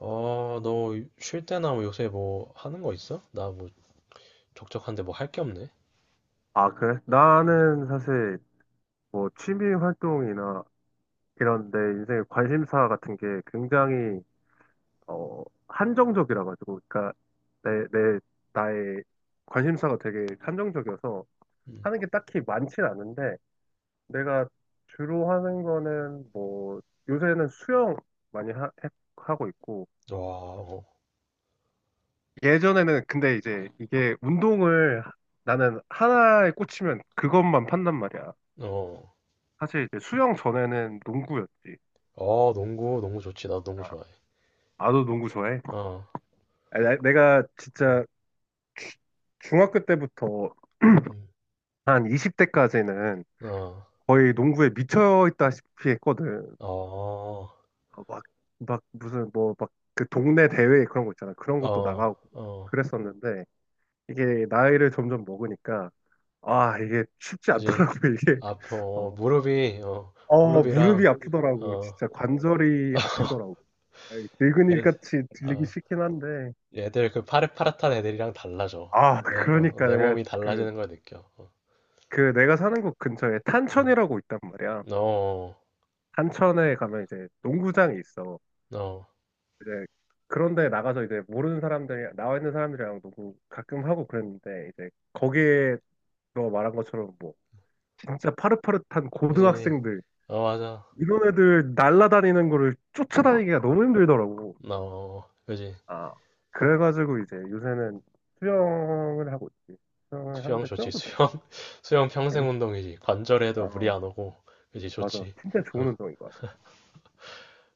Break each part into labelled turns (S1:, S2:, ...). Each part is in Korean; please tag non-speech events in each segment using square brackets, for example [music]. S1: 아, 너 쉴 때나 뭐 요새 뭐 하는 거 있어? 나 뭐 적적한데 뭐 할 게 없네.
S2: 아, 그래?
S1: 어,
S2: 나는 사실 뭐 취미 활동이나 이런 내 인생의 관심사 같은 게
S1: 음,
S2: 굉장히 한정적이라 가지고, 그러니까 내, 내, 나의 관심사가 되게 한정적이어서
S1: 음.
S2: 하는 게 딱히 많진 않은데, 내가 주로 하는 거는 뭐 요새는 수영 많이 하고 있고,
S1: 와, 어,
S2: 예전에는 근데 이제 나는 하나에 꽂히면 그것만 판단 말이야.
S1: 어,
S2: 사실 이제 수영 전에는 농구였지.
S1: 어, 농구, 농구 좋지. 나도 농구
S2: 아,
S1: 좋아해.
S2: 나도 농구 좋아해.
S1: 어,
S2: 아, 내가
S1: 음,
S2: 진짜 주- 중학교 때부터
S1: 음,
S2: 한 20대까지는
S1: 어,
S2: 거의 농구에 미쳐 있다시피 했거든.
S1: 어,
S2: 아, 막 무슨 뭐 막 그 동네 대회 그런 거 있잖아. 그런 것도
S1: 어,
S2: 나가고
S1: 어,
S2: 그랬었는데 이게 나이를 점점 먹으니까 아, 이게 쉽지
S1: 그지?
S2: 않더라고, [laughs] 이게.
S1: 아파, 어,
S2: 어,
S1: 무릎이, 어, 무릎이랑,
S2: 무릎이 아프더라고.
S1: 어,
S2: 진짜 관절이 아프더라고.
S1: [laughs]
S2: 늙은이
S1: 애들,
S2: 같이 들리기
S1: 어,
S2: 싫긴 한데
S1: 애들 그 파릇파릇한 애들이랑 달라져.
S2: 아,
S1: 내, 어,
S2: 그러니까
S1: 내
S2: 내가
S1: 몸이
S2: 그
S1: 달라지는 걸 느껴. 어,
S2: 그 내가 사는 곳 근처에
S1: 음,
S2: 탄천이라고 있단 말이야.
S1: 어,
S2: 탄천에 가면 이제 농구장이 있어.
S1: 어,
S2: 이제 그런데 나가서 이제 모르는 사람들이 나와 있는 사람들이랑 농구 가끔 하고 그랬는데 이제 거기에 너 말한 것처럼 뭐 진짜 파릇파릇한
S1: 그지?
S2: 고등학생들
S1: 어 맞아.
S2: 이런 애들 날라다니는 거를
S1: 음.
S2: 쫓아다니기가 너무 힘들더라고.
S1: 어, 그지.
S2: 아 그래가지고 이제 요새는 수영을 하고 있지. 수영을
S1: 수영
S2: 하는데
S1: 좋지.
S2: 수영도 되게
S1: 수영 [laughs] 수영 평생
S2: 재밌어.
S1: 운동이지. 관절에도 무리
S2: 어
S1: 안 오고 그지
S2: 맞아.
S1: 좋지.
S2: 진짜
S1: 어.
S2: 좋은 운동인 것 같아.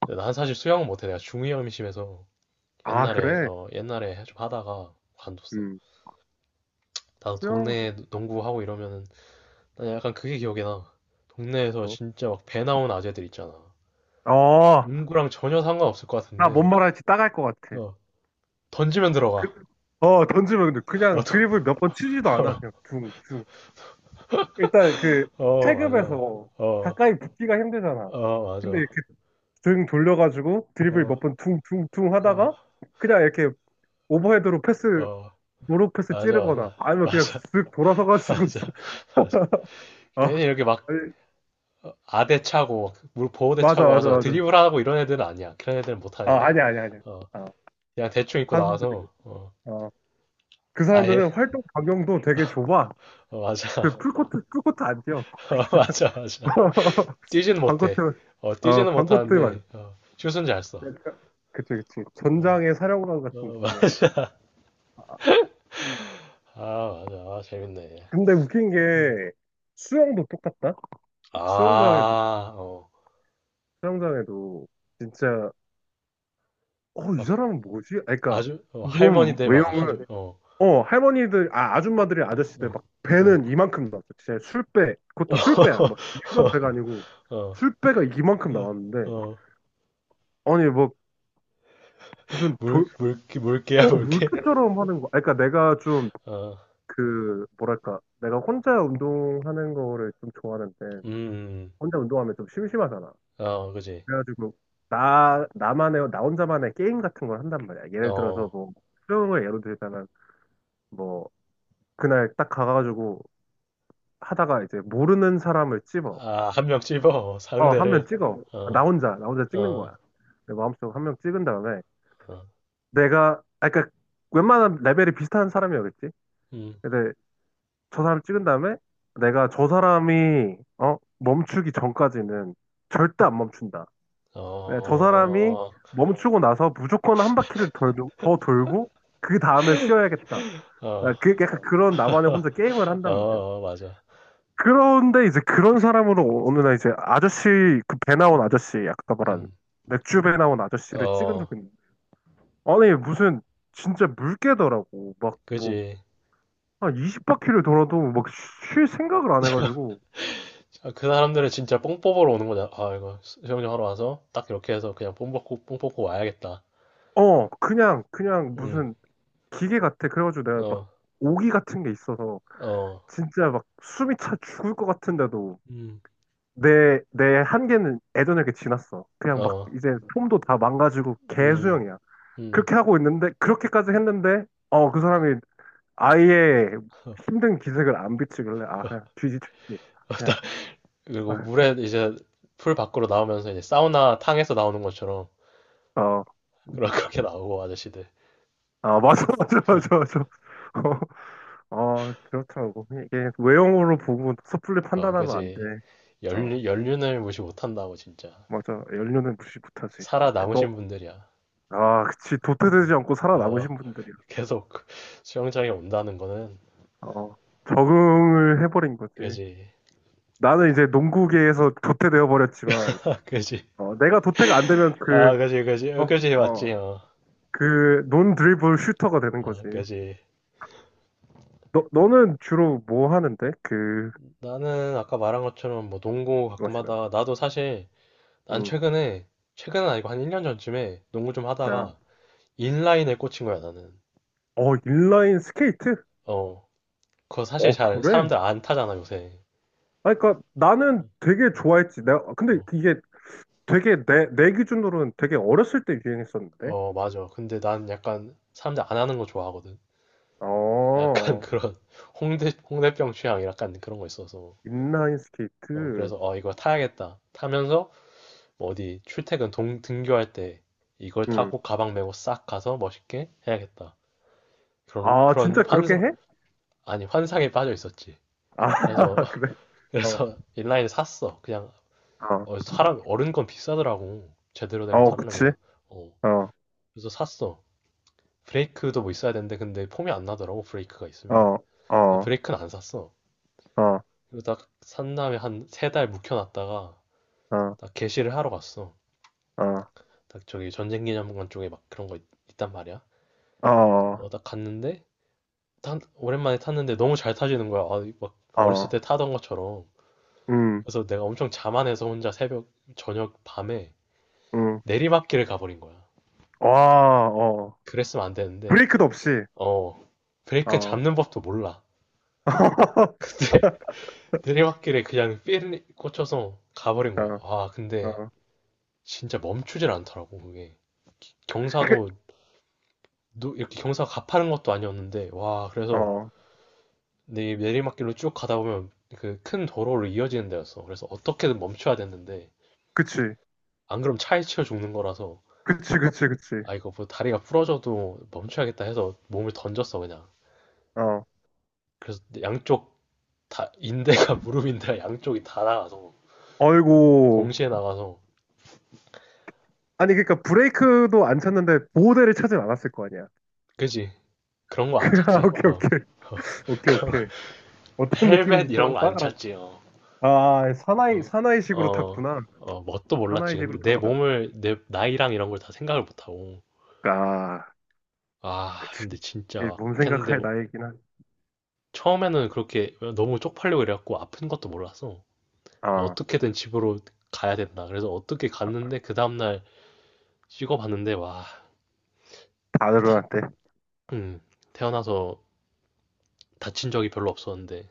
S1: 근데 난 사실 수영 못해. 내가 중이염이 심해서
S2: 아
S1: 옛날에
S2: 그래?
S1: 어 옛날에 좀 하다가 관뒀어.
S2: 음.
S1: 나도
S2: 수영,
S1: 동네 농구 하고 이러면은 난 약간 그게 기억이 나. 동네에서
S2: 뭐,
S1: 진짜 막 배 나온 아재들 있잖아.
S2: 어,
S1: 농구랑 전혀 상관없을 것
S2: 나 뭔
S1: 같은데
S2: 말할지 따갈 것 같아.
S1: 어 던지면
S2: 그,
S1: 들어가.
S2: 던지면 근데
S1: 어,
S2: 그냥 드리블 몇 번 치지도 않아. 그냥
S1: [laughs]
S2: 둥, 둥. 일단 그
S1: 어, 어 맞아.
S2: 체급에서
S1: 어,
S2: 가까이 붙기가 힘들잖아.
S1: 어
S2: 근데
S1: 맞아.
S2: 이렇게 등 돌려가지고 드리블
S1: 어,
S2: 몇 번 둥, 둥, 둥 하다가
S1: 어,
S2: 그냥 이렇게 오버헤드로 패스,
S1: 어.
S2: 노로 패스
S1: 맞아,
S2: 찌르거나
S1: 맞아.
S2: 아니면 그냥
S1: 맞아,
S2: 쓱
S1: [laughs]
S2: 돌아서가지고
S1: 맞아, 맞아.
S2: [laughs] 아,
S1: 괜히 이렇게 막
S2: 아니,
S1: 어, 아대 차고, 물 보호대
S2: 맞아,
S1: 차고
S2: 맞아,
S1: 와서
S2: 맞아.
S1: 드리블하고 이런 애들은 아니야. 그런 애들은 못하는
S2: 아,
S1: 애들이야.
S2: 아니야, 아니야, 아니야.
S1: 어,
S2: 아,
S1: 그냥 대충 입고
S2: 사람들이,
S1: 나와서, 어,
S2: 어, 그
S1: 아예,
S2: 사람들은 활동 반경도 되게 좁아.
S1: 어, 맞아.
S2: 그
S1: [laughs]
S2: 풀코트 안 뛰어.
S1: 어, 맞아, 맞아.
S2: [laughs]
S1: 뛰지는 못해.
S2: 반코트
S1: 어,
S2: 어
S1: 뛰지는
S2: 반코트만.
S1: 못하는데, 어, 슛은 잘 써.
S2: 그치 그치.
S1: 어,
S2: 전장의 사령관 같은
S1: 어, [laughs]
S2: 느낌.
S1: 맞아. 아, 맞아. 아, 재밌네.
S2: 근데 웃긴
S1: 음.
S2: 게 수영도 똑같다. 수영장에도
S1: 아, 어,
S2: 수영장에도 진짜 이
S1: 막
S2: 사람은 뭐지? 아 그러니까
S1: 아주, 어,
S2: 몸
S1: 할머니들 막 아주,
S2: 외형은
S1: 어,
S2: 할머니들 아줌마들이 아저씨들
S1: 어,
S2: 막
S1: 어.
S2: 배는 이만큼 나왔어. 진짜 술배 그것도 술배야. 막
S1: [laughs]
S2: 일반 배가 아니고
S1: 어,
S2: 술배가 이만큼
S1: 어,
S2: 나왔는데
S1: 어,
S2: 아니 뭐 무슨 돌
S1: 물개야,
S2: 어,
S1: 물개?
S2: 물교처럼 하는 거. 아, 그러니까 내가 좀
S1: 어,
S2: 그, 뭐랄까, 내가 혼자 운동하는 거를 좀 좋아하는데,
S1: 음,
S2: 혼자 운동하면 좀 심심하잖아.
S1: 어, 그지.
S2: 그래가지고, 나 혼자만의 게임 같은 걸 한단 말이야. 예를 들어서
S1: 어,
S2: 뭐, 수영을 예로 들자면, 뭐, 그날 딱 가가지고 하다가 이제 모르는 사람을 찍어.
S1: 아, 한명 찝어,
S2: 한 명
S1: 상대를.
S2: 찍어. 아,
S1: 어,
S2: 나 혼자 찍는
S1: 어,
S2: 거야. 내 마음속으로 한 명 찍은 다음에,
S1: 어,
S2: 아, 그러니까 웬만한 레벨이 비슷한 사람이었겠지?
S1: 음,
S2: 근데 저 사람 찍은 다음에 내가 저 사람이 멈추기 전까지는 절대 안 멈춘다. 네, 저
S1: 어,
S2: 사람이 멈추고 나서 무조건 한 바퀴를 더 돌고 그 다음에 쉬어야겠다.
S1: 어,
S2: 네, 그 약간 그런 나만의 혼자 게임을
S1: [laughs]
S2: 한단 말이야.
S1: 어, 맞아.
S2: 그런데 이제 그런 사람으로 어느 날 이제 아저씨 그 배 나온 아저씨 아까 말한
S1: 음,
S2: 맥주 배 나온 아저씨를 찍은
S1: 어,
S2: 적이 있는데 아니 무슨 진짜 물개더라고 막 뭐
S1: 그지.
S2: 한 20바퀴를 돌아도 막 쉴 생각을 안 해가지고
S1: 아, 그 사람들은 진짜 뽕 뽑으러 오는 거잖아. 아, 이거 수영장 하러 와서 딱 이렇게 해서 그냥 뽕 뽑고, 뽕 뽑고 와야겠다.
S2: 그냥
S1: 음,
S2: 무슨 기계 같아. 그래가지고 내가 막
S1: 어,
S2: 오기 같은 게 있어서
S1: 어,
S2: 진짜 막 숨이 차 죽을 것 같은데도
S1: 음,
S2: 내 한계는 예전 이에게 지났어. 그냥 막
S1: 어,
S2: 이제 폼도 다 망가지고
S1: 음,
S2: 개수영이야.
S1: 음.
S2: 그렇게 하고 있는데, 그렇게까지 했는데, 그 사람이 아예 힘든 기색을 안 비치길래, 아, 그냥 뒤지쳤지. 그냥,
S1: 그리고
S2: 아,
S1: 물에 이제 풀 밖으로 나오면서 이제 사우나 탕에서 나오는 것처럼
S2: 어,
S1: [laughs] 그런 그렇게 나오고 아저씨들.
S2: 아, 맞아, [laughs] 맞아, 맞아, 맞아. 그렇더라고. 이게 외형으로 보고 섣불리
S1: 어,
S2: 판단하면 안 돼.
S1: 그지.
S2: 어.
S1: 연륜, 연륜을 무시 못한다고 진짜.
S2: 맞아. 연료는 무시 못하지. 너,
S1: 살아남으신 분들이야.
S2: 아, 그치.
S1: 어,
S2: 도태되지 않고
S1: 어,
S2: 살아남으신 분들이야.
S1: 계속 [laughs] 수영장에 온다는 거는
S2: 어, 적응을 해버린 거지.
S1: 그지.
S2: 나는 이제 농구계에서 도태되어 버렸지만,
S1: [laughs] 그지.
S2: 내가 도태가 안 되면
S1: 아, 그지, 그지.
S2: 어,
S1: 어, 그지 맞지.
S2: 어,
S1: 어.
S2: 그, 논 드리블 슈터가 되는 거지.
S1: 어, 그지.
S2: 너는 주로 뭐 하는데? 그,
S1: 나는 아까 말한 것처럼 뭐 농구
S2: 그거
S1: 가끔
S2: 시간에.
S1: 하다가 나도 사실 난
S2: 음,
S1: 최근에 최근은 아니고 한 1년 전쯤에 농구 좀
S2: 나,
S1: 하다가 인라인에 꽂힌 거야, 나는.
S2: 인라인 스케이트?
S1: 어, 그거 사실 잘
S2: 그래?
S1: 사람들 안 타잖아, 요새.
S2: 아, 그니까 나는 되게 좋아했지. 근데
S1: 어,
S2: 이게 되게 내 기준으로는 되게 어렸을 때 유행했었는데.
S1: 어, 맞아. 근데 난 약간 사람들 안 하는 거 좋아하거든. 약간 [laughs]
S2: 어,
S1: 그런 홍대, 홍대병 취향 약간 그런 거 있어서.
S2: 인라인
S1: 어,
S2: 스케이트.
S1: 그래서 어, 이거 타야겠다. 타면서 뭐 어디 출퇴근 등교할 때 이걸
S2: 음.
S1: 타고 가방 메고 싹 가서 멋있게 해야겠다. 그런,
S2: 아,
S1: 그런
S2: 진짜 그렇게
S1: 환상,
S2: 해?
S1: 아니, 환상에 빠져 있었지.
S2: 아,
S1: 그래서,
S2: [laughs] 그래.
S1: [laughs]
S2: 어,
S1: 그래서 인라인을 샀어. 그냥,
S2: 어,
S1: 어, 사람, 어른 건 비싸더라고. 제대로 된 거
S2: 어, 그치.
S1: 사려면. 어,
S2: 어,
S1: 그래서 샀어. 브레이크도 뭐 있어야 되는데 근데 폼이 안 나더라고 브레이크가 있으면
S2: 어,
S1: 그래서
S2: 어,
S1: 브레이크는 안 샀어
S2: 어,
S1: 그리고 딱산 다음에 한 세 달 묵혀놨다가
S2: 어,
S1: 딱 개시를 하러 갔어
S2: 어,
S1: 딱 저기 전쟁기념관 쪽에 막 그런 거 단 말이야
S2: 어,
S1: 어 딱 갔는데 오랜만에 탔는데 너무 잘 타지는 거야 아, 막 어렸을
S2: 어,
S1: 때 타던 것처럼
S2: 음,
S1: 그래서 내가 엄청 자만해서 혼자 새벽 저녁 밤에
S2: 음.
S1: 내리막길을 가버린 거야
S2: 와, 어.
S1: 그랬으면 안 되는데
S2: 브레이크도 없이.
S1: 어 브레이크는
S2: 어,
S1: 잡는 법도 몰라
S2: [laughs]
S1: [laughs] 내리막길에 그냥 삘 꽂혀서 가버린 거야.
S2: 어,
S1: 아, 근데
S2: 어.
S1: 진짜 멈추질 않더라고, 그게.
S2: 그-
S1: 경사도, 이렇게 경사가 가파른 것도 아니었는데, 와, 그래서
S2: 어,
S1: 내 내리막길로 쭉 가다 보면 그 큰 도로로 이어지는 데였어. 그래서 어떻게든 멈춰야 됐는데,
S2: 그치.
S1: 안 그럼 차에 치여 죽는 거라서,
S2: 그치, 그치, 그치.
S1: 아, 이거 뭐 다리가 부러져도 멈춰야겠다 해서 몸을 던졌어, 그냥.
S2: 어.
S1: 그래서 양쪽 다, 인대가 [laughs] 무릎인데 양쪽이 다 나가서,
S2: 어이고
S1: 동시에 나가서,
S2: 아니, 그러니까 브레이크도 안 찾는데 보호대를 찾진 않았을 거 아니야.
S1: 그지? 그런 거 안
S2: [laughs]
S1: 찾지?
S2: 오케이,
S1: 어.
S2: 오케이. 오케이, 오케이.
S1: [laughs]
S2: 어떤 느낌인지
S1: 헬멧 이런 거 안
S2: 따라.
S1: 찼지요.
S2: 아,
S1: 어, 어,
S2: 사나이식으로
S1: 어,
S2: 탔구나.
S1: 어, 뭣도 몰랐지.
S2: 사나이식으로
S1: 근데 내
S2: 타버렸다.
S1: 몸을, 내 나이랑 이런 걸 다 생각을 못하고.
S2: 아,
S1: 아,
S2: 그치.
S1: 근데
S2: 그치.
S1: 진짜
S2: 이게
S1: 막
S2: 몸
S1: 했는데
S2: 생각할 나이긴 한.
S1: 처음에는 그렇게 너무 쪽팔리고 이래갖고 아픈 것도 몰랐어.
S2: 아,
S1: 어떻게든 집으로 가야 된다. 그래서 어떻게 갔는데 그 다음날 찍어봤는데 와, 다-
S2: 다들한테.
S1: 음, 태어나서 다친 적이 별로 없었는데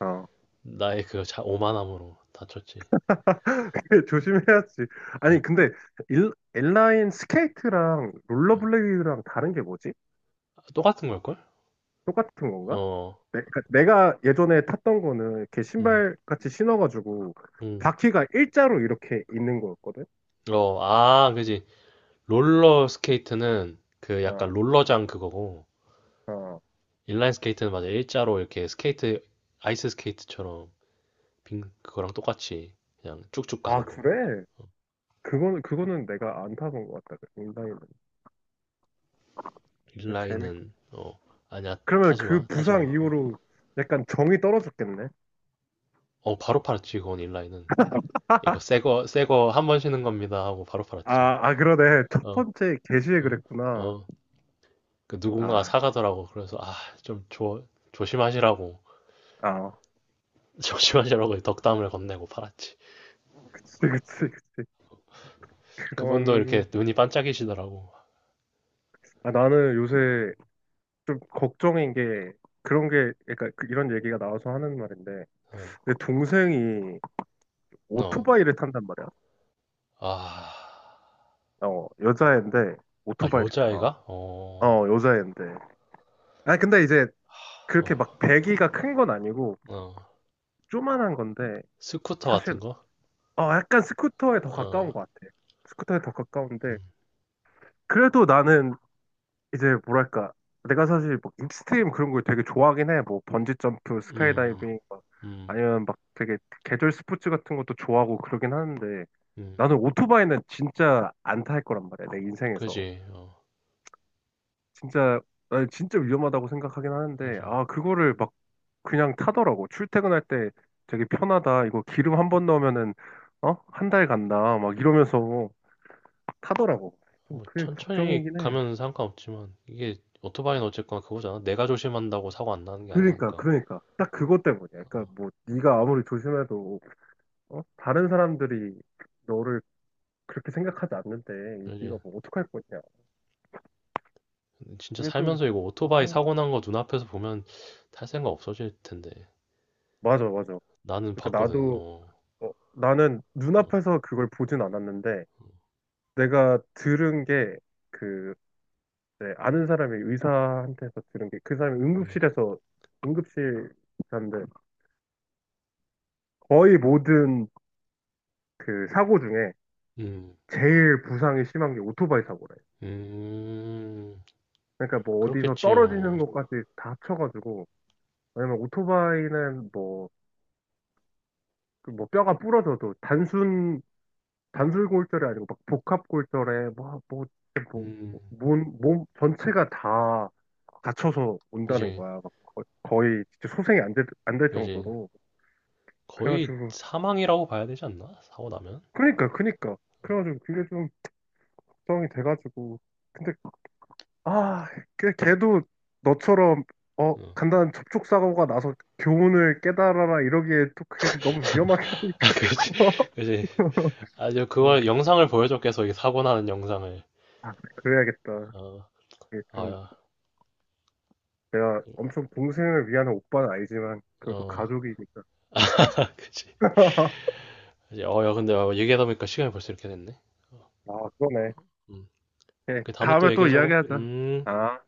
S2: 어.
S1: 나의 그 오만함으로 다쳤지.
S2: [laughs] 조심해야지.
S1: 응,
S2: 아니, 근데, 인라인 스케이트랑
S1: 응.
S2: 롤러블레이드랑 다른 게 뭐지?
S1: 아, 똑같은 걸걸?
S2: 똑같은 건가?
S1: 어,
S2: 그러니까 내가 예전에 탔던 거는 이렇게
S1: 음,
S2: 신발 같이 신어가지고
S1: 음.
S2: 바퀴가 일자로 이렇게 있는 거였거든?
S1: 어, 아, 그지. 롤러 스케이트는 그 약간
S2: 어,
S1: 롤러장 그거고
S2: 어.
S1: 인라인 스케이트는 맞아 일자로 이렇게 스케이트 아이스 스케이트처럼 빙 그거랑 똑같이 그냥 쭉쭉
S2: 아,
S1: 가는 거.
S2: 그래?
S1: 어,
S2: 그거는 내가 안 타본 것 같다. 그 인라인은. 근데 재밌.
S1: 인라인은 어 아니야
S2: 그러면
S1: 타지
S2: 그
S1: 마 타지 마.
S2: 부상
S1: 어,
S2: 이후로 약간 정이 떨어졌겠네.
S1: 어, 바로 팔았지 그건 인라인은 이거 새거 새거 한 번 쉬는 겁니다 하고 바로 팔았지.
S2: 아, 아 그러네. [laughs] 첫
S1: 어
S2: 번째 게시에
S1: 어
S2: 그랬구나.
S1: 어 그 누군가가
S2: 아,
S1: 사가더라고 그래서 아좀 조심하시라고
S2: 아,
S1: [laughs] 조심하시라고 덕담을 건네고 팔았지.
S2: 그치, 그치, 그치.
S1: 그분도 이렇게
S2: 그런.
S1: 눈이 반짝이시더라고.
S2: 아, 나는 요새 좀 걱정인 게 그런 게, 그러니까 이런 얘기가 나와서 하는 말인데,
S1: 어.
S2: 내 동생이
S1: 어.
S2: 오토바이를 탄단 말이야.
S1: 아.
S2: 여자애인데
S1: 아,
S2: 오토바이를 타.
S1: 여자애가? 어.
S2: 어, 여자애인데. 아, 근데 이제 그렇게 막
S1: 어.
S2: 배기가 큰 건 아니고
S1: 어.
S2: 조만한 건데
S1: 스쿠터
S2: 사실
S1: 같은 거?
S2: 약간 스쿠터에 더
S1: 어.
S2: 가까운 것 같아. 스쿠터에 더 가까운데
S1: 음.
S2: 그래도 나는 이제 뭐랄까 내가 사실 뭐 익스트림 그런 걸 되게 좋아하긴 해. 뭐 번지 점프,
S1: 음.
S2: 스카이다이빙 막
S1: 음.
S2: 아니면 막 되게 계절 스포츠 같은 것도 좋아하고 그러긴 하는데
S1: 음.
S2: 나는 오토바이는 진짜 안 탈 거란 말이야. 내 인생에서
S1: 그지. 어.
S2: 진짜 나 진짜 위험하다고 생각하긴 하는데
S1: 그지.
S2: 아 그거를 막 그냥 타더라고. 출퇴근할 때 되게 편하다. 이거 기름 한 번 넣으면은 어? 한 달 간다. 막 이러면서 타더라고. 좀
S1: 뭐
S2: 그게
S1: 천천히
S2: 걱정이긴 해.
S1: 가면 상관없지만 이게 오토바이는 어쨌거나 그거잖아. 내가 조심한다고 사고 안 나는 게
S2: 그러니까,
S1: 아니니까.
S2: 그러니까. 딱 그것 때문이야. 그러니까 뭐 네가 아무리 조심해도 어? 다른 사람들이 너를 그렇게 생각하지 않는데
S1: 그지.
S2: 네가 뭐 어떡할 거냐.
S1: 진짜
S2: 그게 좀
S1: 살면서 이거 오토바이
S2: 걱정.
S1: 사고 난거 눈앞에서 보면 탈 생각 없어질 텐데.
S2: 맞아, 맞아.
S1: 나는
S2: 그러니까
S1: 봤거든.
S2: 나도
S1: 어.
S2: 나는
S1: 어.
S2: 눈앞에서 그걸 보진 않았는데 내가 들은 게그 네, 아는 사람이 의사한테서 들은 게 그 사람이
S1: 음.
S2: 응급실 의사인데 거의 모든 그 사고 중에
S1: 음.
S2: 제일 부상이 심한 게 오토바이 사고래요.
S1: 음.
S2: 그러니까 뭐 어디서 떨어지는
S1: 그렇겠지요.
S2: 것까지 다 합쳐가지고 왜냐면 오토바이는 뭐, 그뭐 뼈가 부러져도 단순 단술골절이 아니고 막 복합골절에 뭐,
S1: 음.
S2: 몸 전체가 다 다쳐서 온다는
S1: 그지.
S2: 거야. 막 거의 진짜 소생이 안 될
S1: 그지.
S2: 정도로.
S1: 거의
S2: 그래가지고
S1: 사망이라고 봐야 되지 않나? 사고 나면?
S2: 그니까, 그니까. 그래가지고 그게 좀 걱정이 돼가지고. 근데, 아, 걔도 너처럼,
S1: 응.
S2: 간단한 접촉사고가 나서 교훈을 깨달아라 이러기에 또 그게 너무 위험하게
S1: [laughs] 아, 그지.
S2: 하니까.
S1: 그지.
S2: [laughs]
S1: 아주
S2: 어,
S1: 그걸 영상을 보여줘, 계속 이 사고 나는 영상을.
S2: 아, 그래야겠다.
S1: 어,
S2: 이게 좀
S1: 아야.
S2: 내가 엄청 동생을 위하는 오빠는 아니지만, 그래도
S1: 어,
S2: 가족이니까.
S1: 그지.
S2: [laughs]
S1: 그지. 어, 야, 근데 어, 얘기하다 보니까 시간이 벌써 이렇게 됐네.
S2: 아, 그러네.
S1: 음.
S2: 예,
S1: 그 다음에 또
S2: 다음에 또
S1: 얘기하자고.
S2: 이야기하자.
S1: 음.
S2: 아.